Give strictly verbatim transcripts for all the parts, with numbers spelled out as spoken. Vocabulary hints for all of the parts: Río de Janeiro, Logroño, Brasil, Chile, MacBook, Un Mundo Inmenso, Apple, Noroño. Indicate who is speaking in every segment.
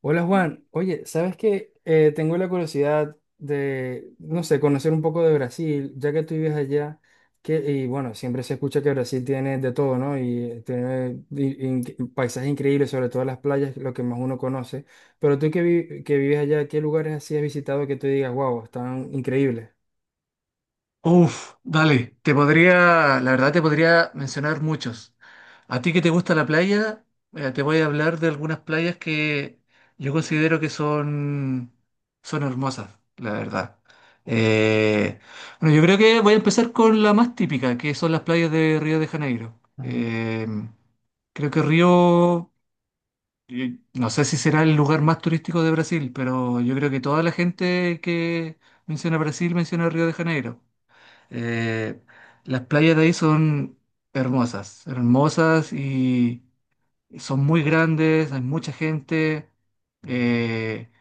Speaker 1: Hola Juan, oye, ¿sabes qué? Eh, tengo la curiosidad de, no sé, conocer un poco de Brasil, ya que tú vives allá, que, y bueno, siempre se escucha que Brasil tiene de todo, ¿no? Y eh, tiene i- in- paisajes increíbles, sobre todo las playas, lo que más uno conoce. Pero tú que, vi- que vives allá, ¿qué lugares así has visitado que tú digas, wow, están increíbles?
Speaker 2: Uf, dale, te podría, la verdad te podría mencionar muchos. A ti que te gusta la playa, eh, te voy a hablar de algunas playas que yo considero que son, son hermosas, la verdad. Eh, bueno, yo creo que voy a empezar con la más típica, que son las playas de Río de Janeiro.
Speaker 1: Ujú,
Speaker 2: Eh, creo que Río, eh, no sé si será el lugar más turístico de Brasil, pero yo creo que toda la gente que menciona Brasil menciona Río de Janeiro. Eh, las playas de ahí son hermosas, hermosas, y son muy grandes, hay mucha gente. Eh, hay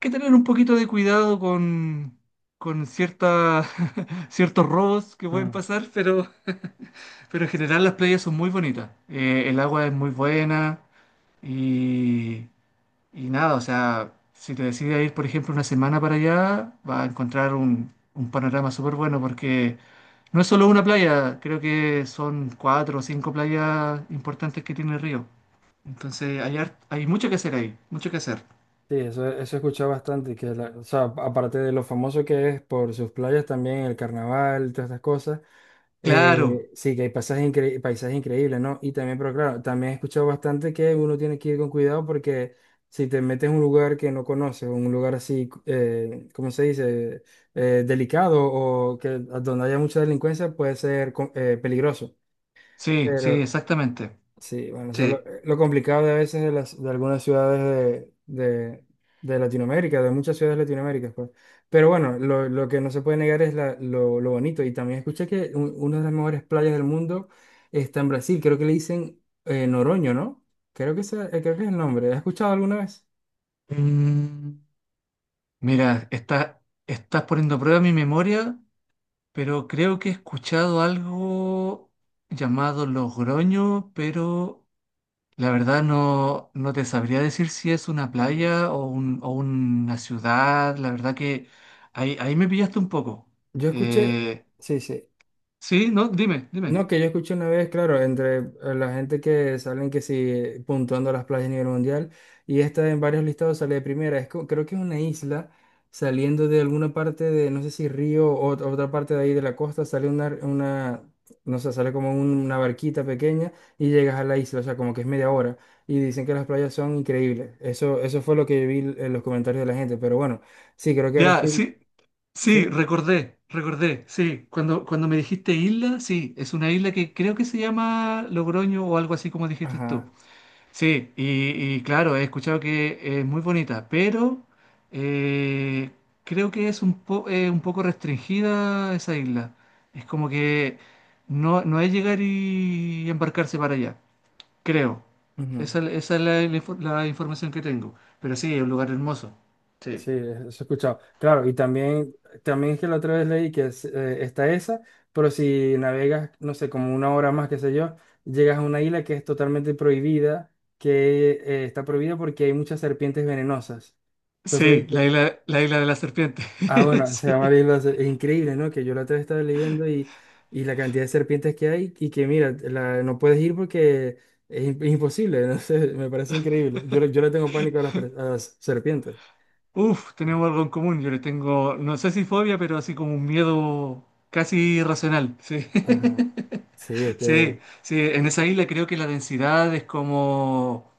Speaker 2: que tener un poquito de cuidado con, con ciertas, ciertos robos que pueden
Speaker 1: ujú.
Speaker 2: pasar, pero, pero en general las playas son muy bonitas. Eh, el agua es muy buena y, y nada, o sea, si te decides ir, por ejemplo, una semana para allá, vas a encontrar un, un panorama súper bueno porque no es solo una playa, creo que son cuatro o cinco playas importantes que tiene el río. Entonces hay, hart- hay mucho que hacer ahí, mucho que hacer.
Speaker 1: Sí, eso, eso he escuchado bastante, que la- o sea, aparte de lo famoso que es por sus playas también, el carnaval, todas estas cosas,
Speaker 2: Claro,
Speaker 1: eh, sí, que hay pasajes, incre- paisajes increíbles, ¿no? Y también, pero claro, también he escuchado bastante que uno tiene que ir con cuidado porque si te metes en un lugar que no conoces, un lugar así, eh, ¿cómo se dice? Eh, delicado o que donde haya mucha delincuencia puede ser co- eh, peligroso.
Speaker 2: sí, sí, exactamente.
Speaker 1: Sí, bueno, eso es lo,
Speaker 2: Sí.
Speaker 1: lo complicado de a veces de, las, de algunas ciudades de, de, de Latinoamérica, de muchas ciudades latinoaméricas, pues. Pero bueno, lo, lo que no se puede negar es la- lo, lo bonito. Y también escuché que un- una de las mejores playas del mundo está en Brasil. Creo que le dicen eh, Noroño, ¿no? Creo que, ese- eh, creo que es el nombre. ¿Has escuchado alguna vez?
Speaker 2: Mm, Mira, está, estás poniendo a prueba mi memoria, pero creo que he escuchado algo llamado Logroño, pero La verdad no, no te sabría decir si es una
Speaker 1: Ujú.
Speaker 2: playa o, un- o una ciudad. La verdad que ahí, ahí me pillaste un poco.
Speaker 1: Yo escuché,
Speaker 2: Eh,
Speaker 1: sí, sí.
Speaker 2: sí, no, dime, dime.
Speaker 1: No, que yo escuché una vez, claro, entre eh, la gente que salen que sí puntuando las playas a nivel mundial y esta en varios listados sale de primera. Es, co- creo que es una isla saliendo de alguna parte de, no sé si río o ot- otra parte de ahí de la costa, sale una, una no sé, sale como un- una barquita pequeña y llegas a la isla, o sea, como que es media hora y dicen que las playas son increíbles. Eso, eso fue lo que vi en los comentarios de la gente, pero bueno, sí, creo que
Speaker 2: Ya,
Speaker 1: Brasil,
Speaker 2: sí,
Speaker 1: sí,
Speaker 2: sí,
Speaker 1: ¿sí?
Speaker 2: recordé, recordé, sí. Cuando, cuando me dijiste isla, sí, es una isla que creo que se llama Logroño o algo así como dijiste tú.
Speaker 1: Ajá.
Speaker 2: Sí, y, y claro, he escuchado que es muy bonita, pero eh, creo que es un, po- eh, un poco restringida esa isla. Es como que no, no es llegar y embarcarse para allá, creo.
Speaker 1: Ujú.
Speaker 2: Esa, esa es la, la infor- la información que tengo. Pero sí, es un lugar hermoso. Sí.
Speaker 1: Sí, eso he escuchado. Claro, y también, también es que la otra vez leí que es, eh, está esa, pero si navegas, no sé, como una hora más, qué sé yo, llegas a una isla que es totalmente prohibida, que eh, está prohibida porque hay muchas serpientes venenosas. Entonces, ahí
Speaker 2: Sí, la
Speaker 1: te-
Speaker 2: isla, la isla de la serpiente.
Speaker 1: ah, bueno, se llama la
Speaker 2: Sí.
Speaker 1: isla, se- es increíble, ¿no? Que yo la otra vez estaba leyendo y, y la cantidad de serpientes que hay y que, mira, la- no puedes ir porque es, im- es imposible, no sé, me parece increíble. Yo, le- yo le tengo pánico a las, per- a las serpientes.
Speaker 2: Uf, tenemos algo en común. Yo le tengo, no sé si fobia, pero así como un miedo casi irracional. Sí.
Speaker 1: Ajá. Sí, es que...
Speaker 2: Sí, sí, en esa isla creo que la densidad es como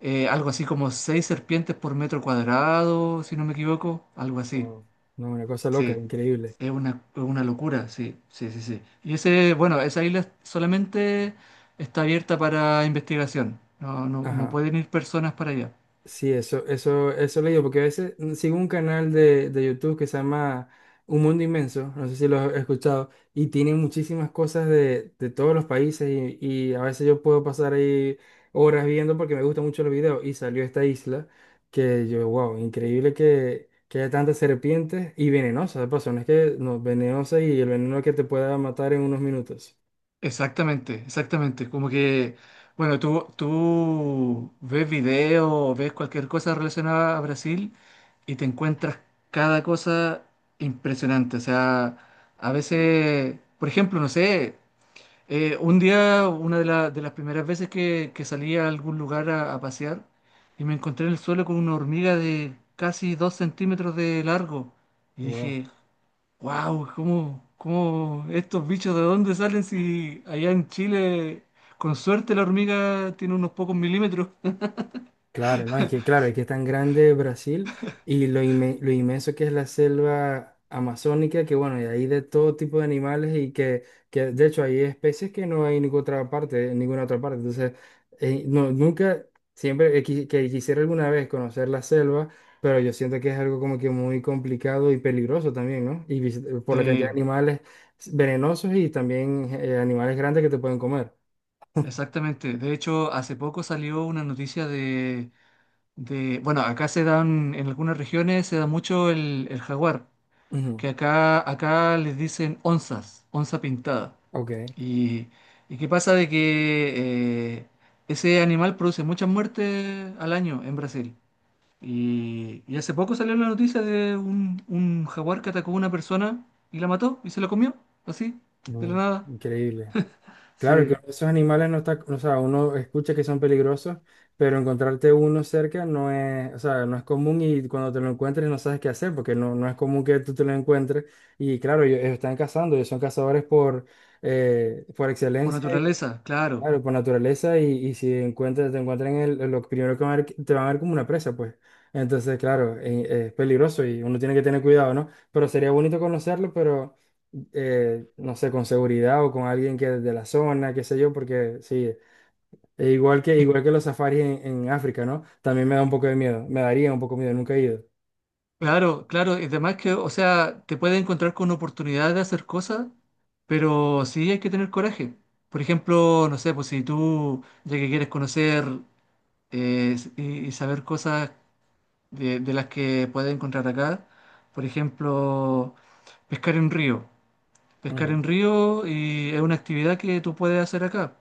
Speaker 2: eh, algo así como seis serpientes por metro cuadrado, si no me equivoco, algo así.
Speaker 1: Wow. No, una cosa loca,
Speaker 2: Sí,
Speaker 1: increíble.
Speaker 2: es una, es una locura, sí, sí, sí, sí. Y ese, bueno, esa isla solamente está abierta para investigación, no, no, no
Speaker 1: Ajá.
Speaker 2: pueden ir personas para allá.
Speaker 1: Sí, eso, eso, eso he leído, porque a veces mm, sigo un canal de, de YouTube que se llama Un Mundo Inmenso, no sé si lo has escuchado, y tiene muchísimas cosas de, de todos los países y, y a veces yo puedo pasar ahí horas viendo porque me gustan mucho los videos y salió esta isla que yo, wow, increíble que, que haya tantas serpientes y venenosas, de paso, no es que no, venenosa y el veneno que te pueda matar en unos minutos.
Speaker 2: Exactamente, exactamente. Como que, bueno, tú, tú ves video, ves cualquier cosa relacionada a Brasil y te encuentras cada cosa impresionante. O sea, a veces, por ejemplo, no sé, eh, un día, una de, la- de las primeras veces que, que salí a algún lugar a, a pasear y me encontré en el suelo con una hormiga de casi dos centímetros de largo. Y
Speaker 1: Wow.
Speaker 2: dije, wow, ¿cómo, cómo estos bichos de dónde salen si allá en Chile, con suerte, la hormiga tiene unos pocos milímetros?
Speaker 1: Claro, no, es que claro, es que es tan grande Brasil y lo, inme- lo inmenso que es la selva amazónica, que bueno, y hay de todo tipo de animales y que, que de hecho hay especies que no hay en ninguna otra parte, en ninguna otra parte. Entonces, eh, no, nunca, siempre he qui- que quisiera alguna vez conocer la selva, pero yo siento que es algo como que muy complicado y peligroso también, ¿no? Y vis- por la cantidad de
Speaker 2: Sí,
Speaker 1: animales venenosos y también eh, animales grandes que te pueden comer.
Speaker 2: exactamente. De hecho, hace poco salió una noticia de, de- bueno, acá se dan, en algunas regiones se da mucho el, el jaguar,
Speaker 1: Ujú,
Speaker 2: que acá, acá les dicen onzas, onza pintada.
Speaker 1: ok,
Speaker 2: Y, y qué pasa de que eh, ese animal produce muchas muertes al año en Brasil. Y, y hace poco salió la noticia de un, un jaguar que atacó a una persona y la mató y se la comió, así, de la
Speaker 1: no,
Speaker 2: nada.
Speaker 1: increíble. Claro que
Speaker 2: Sí,
Speaker 1: esos animales no está, o sea, uno escucha que son peligrosos, pero encontrarte uno cerca no es, o sea, no es común y cuando te lo encuentres no sabes qué hacer porque no, no es común que tú te lo encuentres. Y claro, ellos, ellos están cazando, ellos son cazadores por, eh, por
Speaker 2: por
Speaker 1: excelencia.
Speaker 2: naturaleza, claro.
Speaker 1: Claro, por naturaleza y, y si encuentras, te encuentran en el, en lo primero que van a ver, te van a ver como una presa, pues. Entonces, claro, eh, es peligroso y uno tiene que tener cuidado, ¿no? Pero sería bonito conocerlo, pero eh, no sé, con seguridad o con alguien que de la zona, qué sé yo, porque sí, e igual que,
Speaker 2: Es-
Speaker 1: igual que los safaris en, en África, ¿no? También me da un poco de miedo, me daría un poco de miedo, nunca he ido.
Speaker 2: claro, claro. Y además que, o sea, te puedes encontrar con oportunidades de hacer cosas, pero sí hay que tener coraje. Por ejemplo, no sé, pues si tú, ya que quieres conocer eh, y, y saber cosas de, de las que puedes encontrar acá, por ejemplo, pescar en un río. Pescar
Speaker 1: Ujú,
Speaker 2: en río y es una actividad que tú puedes hacer acá,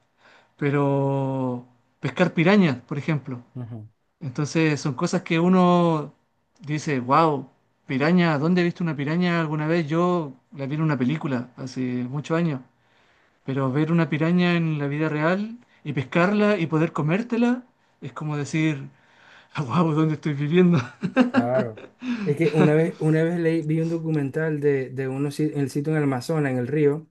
Speaker 2: pero pescar pirañas, por ejemplo.
Speaker 1: ujú,
Speaker 2: Entonces son cosas que uno dice, wow, piraña, ¿dónde he visto una piraña alguna vez? Yo la vi en una película hace muchos años, pero ver una piraña en la vida real y pescarla y poder comértela es como decir, wow, ¿dónde estoy viviendo?
Speaker 1: claro. Es que una vez, una vez leí, vi un documental de, de unos, si- el sitio en el Amazonas, en el río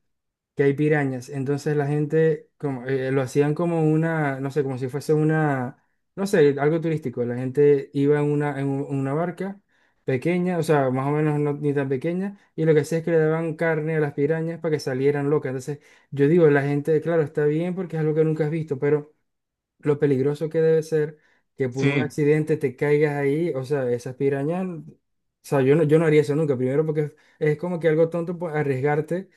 Speaker 1: que hay pirañas. Entonces la gente como, eh, lo hacían como una, no sé, como si fuese una, no sé, algo turístico. La gente iba en una, en un- una barca pequeña, o sea, más o menos no, ni tan pequeña, y lo que hacía es que le daban carne a las pirañas para que salieran locas. Entonces yo digo, la gente, claro, está bien porque es algo que nunca has visto, pero lo peligroso que debe ser que por un
Speaker 2: Sí.
Speaker 1: accidente te caigas ahí, o sea, esas pirañas, o sea, yo no, yo no haría eso nunca, primero porque es, es como que algo tonto pues, arriesgarte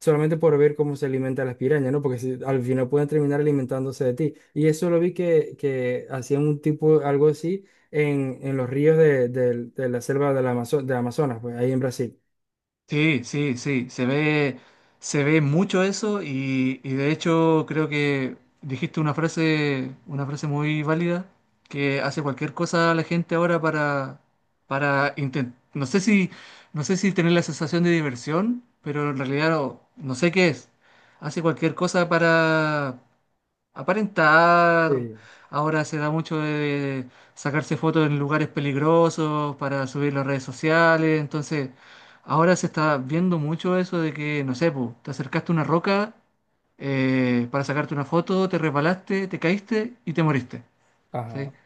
Speaker 1: solamente por ver cómo se alimentan las pirañas, ¿no? Porque si- al final pueden terminar alimentándose de ti. Y eso lo vi que, que hacían un tipo, algo así, en, en los ríos de, del- de la selva de la Amazo- de Amazonas, pues ahí en Brasil.
Speaker 2: Sí, sí, sí, se ve, se ve mucho eso y, y de hecho creo que dijiste una frase, una frase muy válida que hace cualquier cosa la gente ahora para, para intentar, no sé si, no sé si tener la sensación de diversión, pero en realidad no, no sé qué es, hace cualquier cosa para aparentar.
Speaker 1: Sí,
Speaker 2: Ahora se da mucho de sacarse fotos en lugares peligrosos para subir las redes sociales. Entonces, ahora se está viendo mucho eso de que, no sé, po, te acercaste a una roca eh, para sacarte una foto, te resbalaste, te caíste y te moriste. ¿Sí?
Speaker 1: ajá,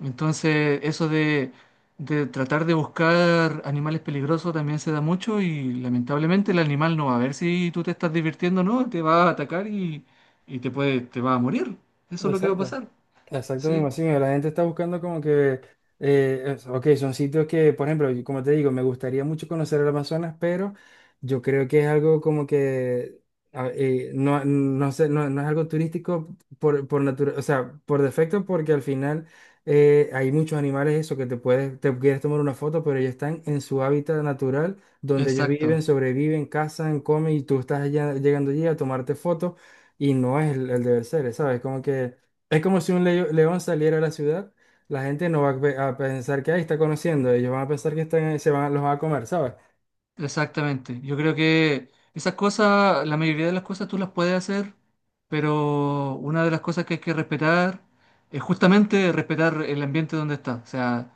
Speaker 2: Entonces, eso de, de tratar de buscar animales peligrosos también se da mucho y lamentablemente el animal no va a ver si tú te estás divirtiendo o no, te va a atacar y, y te puede, te va a morir. Eso es lo que va a
Speaker 1: exacto.
Speaker 2: pasar.
Speaker 1: Exacto, me
Speaker 2: Sí,
Speaker 1: imagino. La gente está buscando como que, eh, es- ok, son sitios que, por ejemplo, y como te digo, me gustaría mucho conocer el Amazonas, pero yo creo que es algo como que, a- eh, no, no sé, no, no es algo turístico por, por natura- o sea, por defecto, porque al final eh, hay muchos animales, eso, que te puedes, te quieres tomar una foto, pero ellos están en su hábitat natural, donde ellos viven,
Speaker 2: exacto,
Speaker 1: sobreviven, cazan, comen, y tú estás allá- llegando allí a tomarte fotos, y no es el, el deber ser, ¿sabes? Como que... Es como si un leo- león saliera a la ciudad, la gente no va a, pe- a pensar que ahí está conociendo, ellos van a pensar que están, ahí, se van, los van a comer, ¿sabes?
Speaker 2: exactamente. Yo creo que esas cosas, la mayoría de las cosas tú las puedes hacer, pero una de las cosas que hay que respetar es justamente respetar el ambiente donde estás. O sea,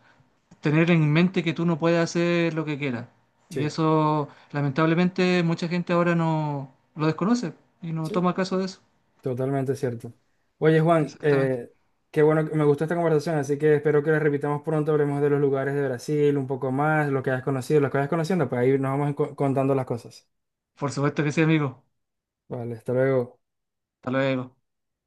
Speaker 2: tener en mente que tú no puedes hacer lo que quieras. Y
Speaker 1: Sí,
Speaker 2: eso, lamentablemente, mucha gente ahora no lo desconoce y no
Speaker 1: sí,
Speaker 2: toma caso de eso.
Speaker 1: totalmente cierto. Oye, Juan,
Speaker 2: Exactamente.
Speaker 1: eh, qué bueno, que- me gustó esta conversación, así que espero que la repitamos pronto, hablemos de los lugares de Brasil un poco más, lo que hayas conocido, lo que hayas conociendo, pues ahí nos vamos enco- contando las cosas.
Speaker 2: Por supuesto que sí, amigo.
Speaker 1: Vale, hasta luego.
Speaker 2: Hasta luego.